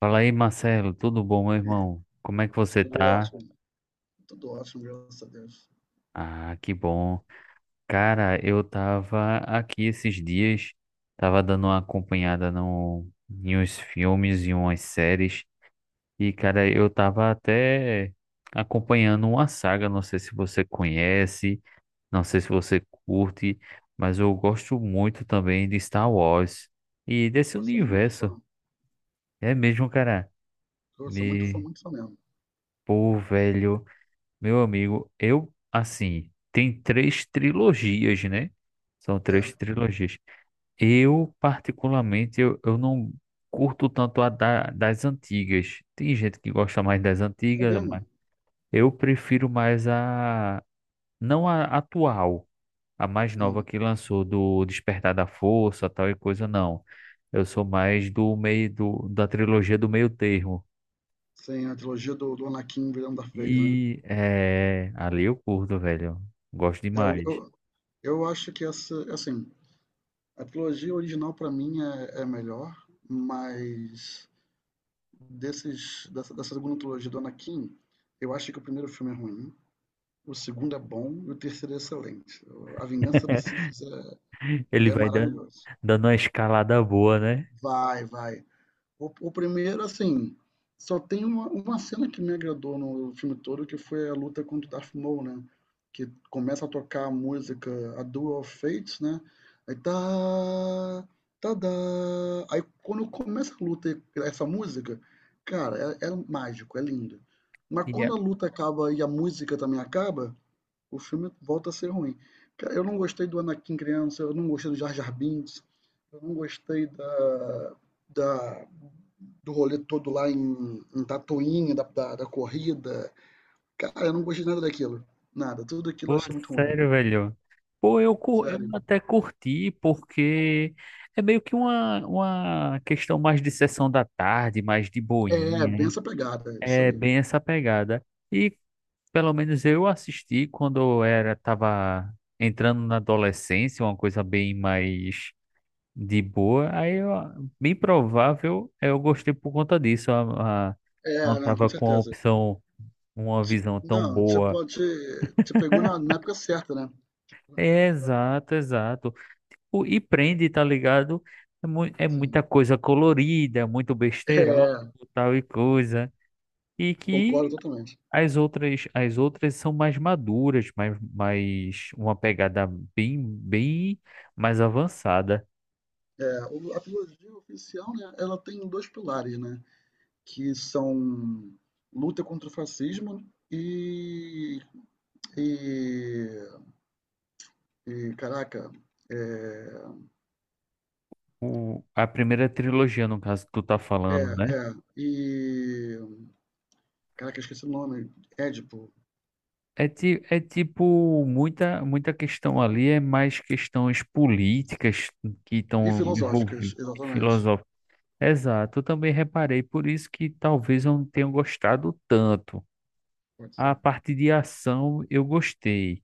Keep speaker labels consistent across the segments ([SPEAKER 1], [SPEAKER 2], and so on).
[SPEAKER 1] Fala aí, Marcelo, tudo bom, meu
[SPEAKER 2] E
[SPEAKER 1] irmão? Como é que você
[SPEAKER 2] tudo
[SPEAKER 1] tá?
[SPEAKER 2] ótimo, tudo ótimo, graças a Deus.
[SPEAKER 1] Ah, que bom. Cara, eu tava aqui esses dias, tava dando uma acompanhada no, em uns filmes e umas séries, e cara, eu tava até acompanhando uma saga, não sei se você conhece, não sei se você curte, mas eu gosto muito também de Star Wars e desse
[SPEAKER 2] Eu sou muito
[SPEAKER 1] universo.
[SPEAKER 2] fã.
[SPEAKER 1] É mesmo, cara.
[SPEAKER 2] Eu sou
[SPEAKER 1] Me...
[SPEAKER 2] muito fã mesmo.
[SPEAKER 1] Pô, velho. Meu amigo, eu, assim, tem três trilogias, né? São
[SPEAKER 2] É,
[SPEAKER 1] três trilogias. Eu, particularmente, eu não curto tanto das antigas. Tem gente que gosta mais das
[SPEAKER 2] é
[SPEAKER 1] antigas, mas
[SPEAKER 2] mesmo.
[SPEAKER 1] eu prefiro mais a... Não a atual, a mais nova
[SPEAKER 2] Hum.
[SPEAKER 1] que lançou do Despertar da Força, tal e coisa, não. Eu sou mais da trilogia do meio termo.
[SPEAKER 2] Sim, a trilogia do Anakin virando Darth Vader, né?
[SPEAKER 1] E é, ali eu curto, velho. Gosto
[SPEAKER 2] É, eu,
[SPEAKER 1] demais.
[SPEAKER 2] eu, eu acho que essa, assim, a trilogia original pra mim é melhor, mas dessa segunda trilogia do Anakin, eu acho que o primeiro filme é ruim, o segundo é bom e o terceiro é excelente. A Vingança dos Sith
[SPEAKER 1] Ele
[SPEAKER 2] é
[SPEAKER 1] vai dando,
[SPEAKER 2] maravilhoso.
[SPEAKER 1] dando uma escalada boa, né?
[SPEAKER 2] Vai. O primeiro, assim, só tem uma cena que me agradou no filme todo, que foi a luta contra o Darth Maul, né? Que começa a tocar a música, a Duel of Fates, né? Aí tá. Tadá. Aí quando começa a luta, e essa música, cara, é mágico, é lindo. Mas
[SPEAKER 1] E é-
[SPEAKER 2] quando a luta acaba e a música também acaba, o filme volta a ser ruim. Eu não gostei do Anakin criança, eu não gostei do Jar Jar Binks, eu não gostei da- do rolê todo lá em, em Tatooine, da corrida. Cara, eu não gostei nada daquilo. Nada, tudo aquilo eu
[SPEAKER 1] Pô,
[SPEAKER 2] achei muito ruim.
[SPEAKER 1] sério, velho. Pô, eu
[SPEAKER 2] Sério.
[SPEAKER 1] até curti, porque é meio que uma questão mais de sessão da tarde, mais de
[SPEAKER 2] É,
[SPEAKER 1] boinha,
[SPEAKER 2] bem
[SPEAKER 1] né?
[SPEAKER 2] essa pegada, é isso
[SPEAKER 1] É
[SPEAKER 2] aí.
[SPEAKER 1] bem essa pegada. E pelo menos eu assisti quando eu era, tava entrando na adolescência, uma coisa bem mais de boa. Aí, ó, bem provável, eu gostei por conta disso.
[SPEAKER 2] É,
[SPEAKER 1] Não
[SPEAKER 2] não,
[SPEAKER 1] tava
[SPEAKER 2] com
[SPEAKER 1] com a
[SPEAKER 2] certeza.
[SPEAKER 1] opção. Uma visão tão
[SPEAKER 2] Não, você
[SPEAKER 1] boa.
[SPEAKER 2] pode. Te pegou na época certa, né? Te pegou na época
[SPEAKER 1] É,
[SPEAKER 2] certa,
[SPEAKER 1] exato, exato. Tipo, e prende, tá ligado? É, mu é muita
[SPEAKER 2] sim.
[SPEAKER 1] coisa colorida, é muito besteirol,
[SPEAKER 2] É,
[SPEAKER 1] tal e coisa. E que
[SPEAKER 2] concordo totalmente.
[SPEAKER 1] as outras são mais maduras, mais uma pegada bem mais avançada.
[SPEAKER 2] É, a trilogia oficial, né, ela tem dois pilares, né, que são luta contra o fascismo e, e, e, caraca, é,
[SPEAKER 1] O, a primeira trilogia, no caso, que tu tá
[SPEAKER 2] é,
[SPEAKER 1] falando, né?
[SPEAKER 2] é, e, caraca, esqueci o nome, Édipo,
[SPEAKER 1] É, é tipo, muita questão ali é mais questões políticas que
[SPEAKER 2] e
[SPEAKER 1] estão
[SPEAKER 2] filosóficas,
[SPEAKER 1] envolvidas,
[SPEAKER 2] exatamente,
[SPEAKER 1] filosóficas. Exato, eu também reparei, por isso que talvez eu não tenha gostado tanto.
[SPEAKER 2] pode
[SPEAKER 1] A
[SPEAKER 2] ser,
[SPEAKER 1] parte de ação eu gostei,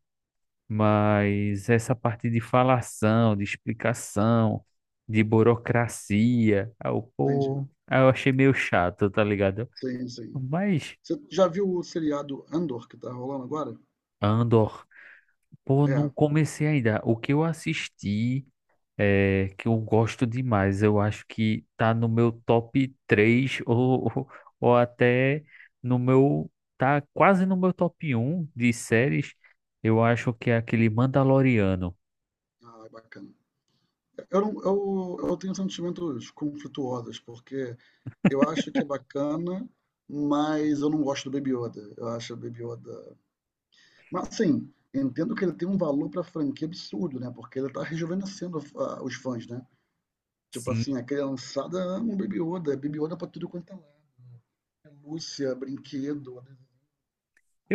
[SPEAKER 1] mas essa parte de falação, de explicação, de burocracia, aí eu,
[SPEAKER 2] entendi,
[SPEAKER 1] pô, aí eu achei meio chato, tá ligado?
[SPEAKER 2] sim, sim.
[SPEAKER 1] Mas
[SPEAKER 2] Você já viu o seriado Andor que tá rolando agora?
[SPEAKER 1] Andor, pô,
[SPEAKER 2] É,
[SPEAKER 1] não comecei ainda. O que eu assisti é, que eu gosto demais. Eu acho que tá no meu top 3 ou até no meu, tá quase no meu top um de séries. Eu acho que é aquele Mandaloriano.
[SPEAKER 2] ah, é bacana. Eu, não- eu tenho sentimentos conflituosos, porque eu acho que é bacana, mas eu não gosto do Baby Yoda. Eu acho o Baby Yoda. Mas assim, entendo que ele tem um valor pra franquia absurdo, né? Porque ele tá rejuvenescendo os fãs, né? Tipo assim, a
[SPEAKER 1] Sim,
[SPEAKER 2] criançada ama o Baby Yoda, é Baby Yoda pra tudo quanto é lado. É Lúcia, brinquedo,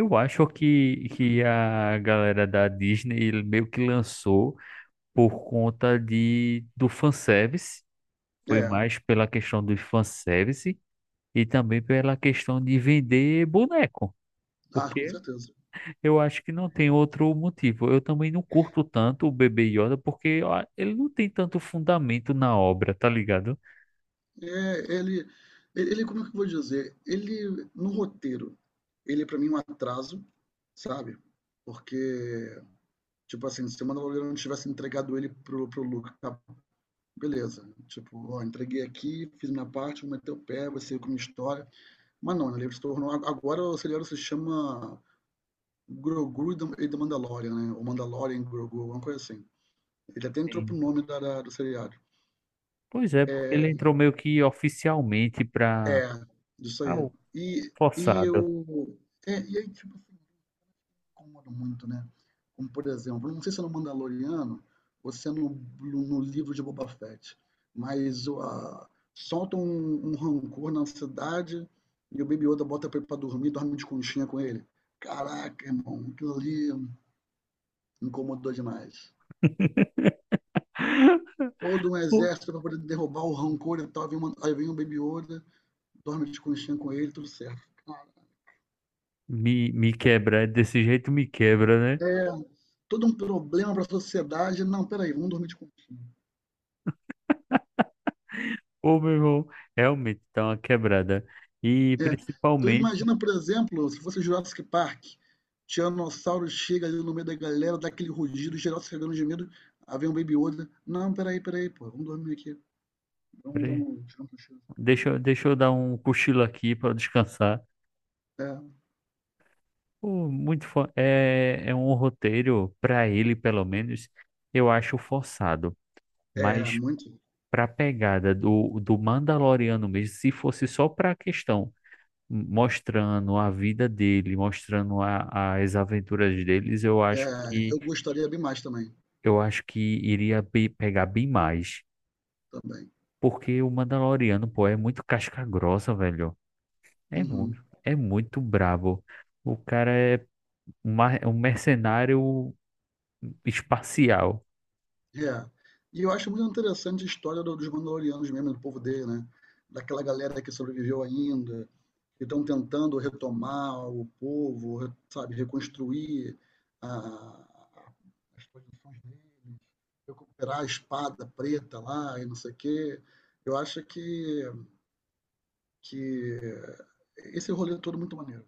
[SPEAKER 2] tudo.
[SPEAKER 1] acho que
[SPEAKER 2] Uhum.
[SPEAKER 1] a galera da Disney ele meio que lançou por conta do fanservice. Foi
[SPEAKER 2] É,
[SPEAKER 1] mais pela questão do fanservice e também pela questão de vender boneco.
[SPEAKER 2] ah, com
[SPEAKER 1] Porque
[SPEAKER 2] certeza.
[SPEAKER 1] eu acho que não tem outro motivo. Eu também não curto tanto o Bebê Yoda porque ó, ele não tem tanto fundamento na obra, tá ligado?
[SPEAKER 2] É, ele, como é que eu vou dizer? Ele, no roteiro, ele é pra mim um atraso, sabe? Porque tipo assim, se o Mano Valverde não tivesse entregado ele pro Luca, tá, beleza. Tipo, ó, entreguei aqui, fiz minha parte, vou meter o pé, vai ser com minha história. Mas não, né, ele se tornou. Agora o Serial se chama Grogu e The Mandalorian, né? Ou Mandalorian Grogu, alguma coisa assim. Ele até entrou pro
[SPEAKER 1] Sim.
[SPEAKER 2] nome da do seriado.
[SPEAKER 1] Pois é, porque ele entrou meio que oficialmente pra.
[SPEAKER 2] É, isso
[SPEAKER 1] Ah,
[SPEAKER 2] aí.
[SPEAKER 1] o
[SPEAKER 2] E
[SPEAKER 1] forçado.
[SPEAKER 2] eu. É, e aí, tipo, incomodam muito, né? Como, por exemplo, não sei se é no Mandaloriano ou se é no, no livro de Boba Fett, mas solta um rancor na cidade e o Baby Yoda bota pra ele pra dormir, dorme de conchinha com ele. Caraca, irmão, aquilo ali incomodou demais. Todo um
[SPEAKER 1] Pô,
[SPEAKER 2] exército pra poder derrubar o rancor e tal, vem uma, aí vem o Baby Yoda, dorme de conchinha com ele, tudo certo.
[SPEAKER 1] Me quebra, desse jeito me quebra, né?
[SPEAKER 2] É todo um problema pra sociedade. Não, peraí, vamos dormir de conchinha.
[SPEAKER 1] Ô, meu irmão, realmente tá uma quebrada. E
[SPEAKER 2] É. Tu
[SPEAKER 1] principalmente.
[SPEAKER 2] imagina, por exemplo, se fosse Jurassic Park, Tiranossauro chega ali no meio da galera, dá aquele rugido, geral se cagando de medo, aí vem um Baby Yoda. Não, peraí, peraí, pô, vamos dormir aqui. Vamos,
[SPEAKER 1] Peraí,
[SPEAKER 2] vamos, tirar um cochilo.
[SPEAKER 1] Deixa eu dar um cochilo aqui pra descansar.
[SPEAKER 2] É,
[SPEAKER 1] Pô, é, é um roteiro, para ele pelo menos, eu acho forçado. Mas
[SPEAKER 2] muito.
[SPEAKER 1] para a pegada do Mandaloriano mesmo, se fosse só para a questão mostrando a vida dele, as aventuras deles,
[SPEAKER 2] É, eu gostaria bem mais também.
[SPEAKER 1] eu acho que iria pegar bem mais.
[SPEAKER 2] Também.
[SPEAKER 1] Porque o Mandaloriano, pô, é muito casca grossa, velho.
[SPEAKER 2] Uhum.
[SPEAKER 1] É muito brabo. O cara é um mercenário espacial.
[SPEAKER 2] É. E eu acho muito interessante a história dos Mandalorianos mesmo, do povo dele, né? Daquela galera que sobreviveu ainda, que estão tentando retomar o povo, sabe, reconstruir a, as posições deles, recuperar a espada preta lá e não sei o quê. Eu acho que esse rolê é todo muito maneiro.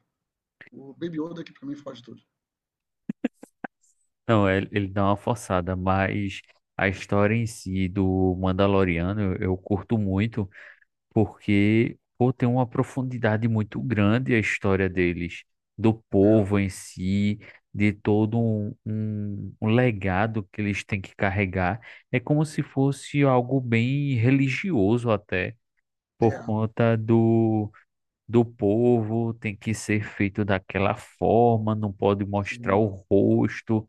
[SPEAKER 2] O Baby Yoda que para mim faz tudo.
[SPEAKER 1] Não, é, ele dá uma forçada, mas a história em si do Mandaloriano eu curto muito, porque pô, tem uma profundidade muito grande a história deles, do
[SPEAKER 2] É,
[SPEAKER 1] povo em si, de todo um legado que eles têm que carregar. É como se fosse algo bem religioso até,
[SPEAKER 2] é,
[SPEAKER 1] por conta do povo, tem que ser feito daquela forma, não pode mostrar
[SPEAKER 2] sim,
[SPEAKER 1] o rosto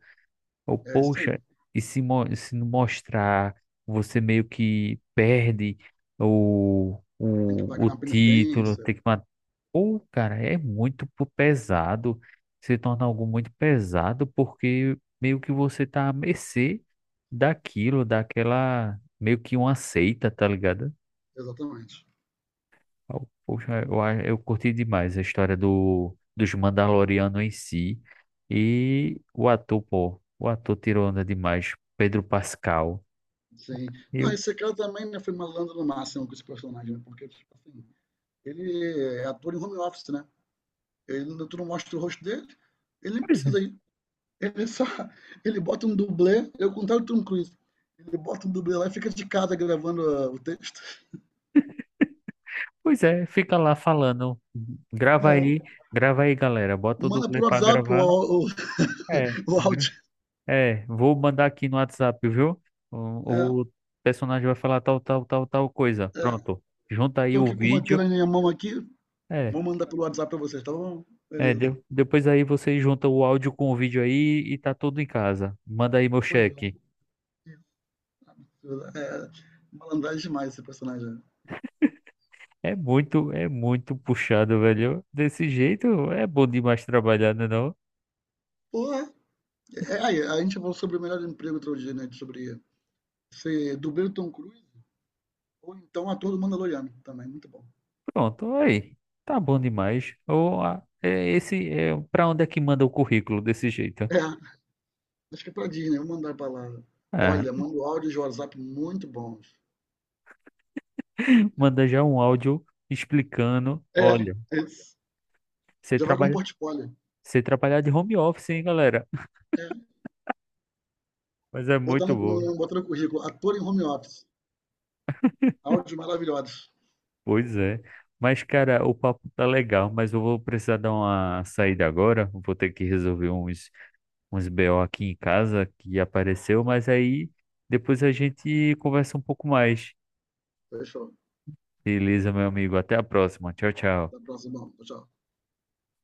[SPEAKER 1] ou,
[SPEAKER 2] é isso aí.
[SPEAKER 1] poxa, e se, se não mostrar, você meio que perde
[SPEAKER 2] Tem que pagar
[SPEAKER 1] o
[SPEAKER 2] uma
[SPEAKER 1] título,
[SPEAKER 2] penitência,
[SPEAKER 1] tem que matar. Ou, cara, é pesado, se torna algo muito pesado, porque meio que você tá à mercê daquilo, daquela, meio que uma seita, tá ligado?
[SPEAKER 2] exatamente.
[SPEAKER 1] Poxa, eu curti demais a história dos Mandalorianos em si. E o ator, pô, o ator tirou onda demais, Pedro Pascal.
[SPEAKER 2] Sim.
[SPEAKER 1] E
[SPEAKER 2] Não,
[SPEAKER 1] eu,
[SPEAKER 2] esse cara também né, foi malandro no máximo com esse personagem, né? Porque, tipo assim, ele é ator em home office, né? Ele, tu não mostra o rosto dele, ele nem
[SPEAKER 1] pois é,
[SPEAKER 2] precisa ir. Ele só. Ele bota um dublê, é o contrário do Tom Cruise. Ele bota um dublê lá e fica de casa gravando o texto.
[SPEAKER 1] pois é, fica lá falando. Grava aí,
[SPEAKER 2] É.
[SPEAKER 1] grava aí, galera. Bota o
[SPEAKER 2] Manda
[SPEAKER 1] dublê
[SPEAKER 2] por
[SPEAKER 1] pra
[SPEAKER 2] WhatsApp
[SPEAKER 1] gravar. É,
[SPEAKER 2] o áudio.
[SPEAKER 1] é, vou mandar aqui no WhatsApp, viu?
[SPEAKER 2] É,
[SPEAKER 1] O personagem vai falar tal, tal, tal, tal coisa.
[SPEAKER 2] é.
[SPEAKER 1] Pronto. Junta aí
[SPEAKER 2] Tô
[SPEAKER 1] o
[SPEAKER 2] aqui com o roteiro
[SPEAKER 1] vídeo.
[SPEAKER 2] na minha mão aqui.
[SPEAKER 1] É.
[SPEAKER 2] Vou mandar pelo WhatsApp pra vocês, tá bom?
[SPEAKER 1] É,
[SPEAKER 2] Beleza.
[SPEAKER 1] depois aí você junta o áudio com o vídeo aí e tá tudo em casa. Manda aí meu
[SPEAKER 2] Pois
[SPEAKER 1] cheque.
[SPEAKER 2] é. É, malandragem demais esse personagem.
[SPEAKER 1] É muito puxado, velho. Desse jeito é bom demais trabalhar, né não?
[SPEAKER 2] Porra. É, aí, a gente falou sobre o melhor emprego outro dia, né? Sobre ser dublê do Tom Cruise ou então ator do Mandaloriano também, muito bom.
[SPEAKER 1] Pronto, aí. Tá bom demais. Ou ah, é esse é para onde é que manda o currículo desse jeito?
[SPEAKER 2] É, acho que é pra Disney, eu vou mandar pra lá.
[SPEAKER 1] Ah,
[SPEAKER 2] Olha, mando áudios de WhatsApp muito bons.
[SPEAKER 1] manda já um áudio explicando,
[SPEAKER 2] É,
[SPEAKER 1] olha,
[SPEAKER 2] é isso.
[SPEAKER 1] você
[SPEAKER 2] Já vai com um
[SPEAKER 1] trabalha,
[SPEAKER 2] portfólio.
[SPEAKER 1] você trabalhar de home office, hein, galera?
[SPEAKER 2] É.
[SPEAKER 1] Mas é
[SPEAKER 2] Botar
[SPEAKER 1] muito bom.
[SPEAKER 2] botar no currículo, ator em home office. Áudios maravilhosos.
[SPEAKER 1] Pois é. Mas, cara, o papo tá legal, mas eu vou precisar dar uma saída agora. Vou ter que resolver uns, uns BO aqui em casa que apareceu, mas aí depois a gente conversa um pouco mais.
[SPEAKER 2] Fechou.
[SPEAKER 1] Beleza, meu amigo. Até a próxima. Tchau, tchau.
[SPEAKER 2] Até a próxima. Tchau, tchau.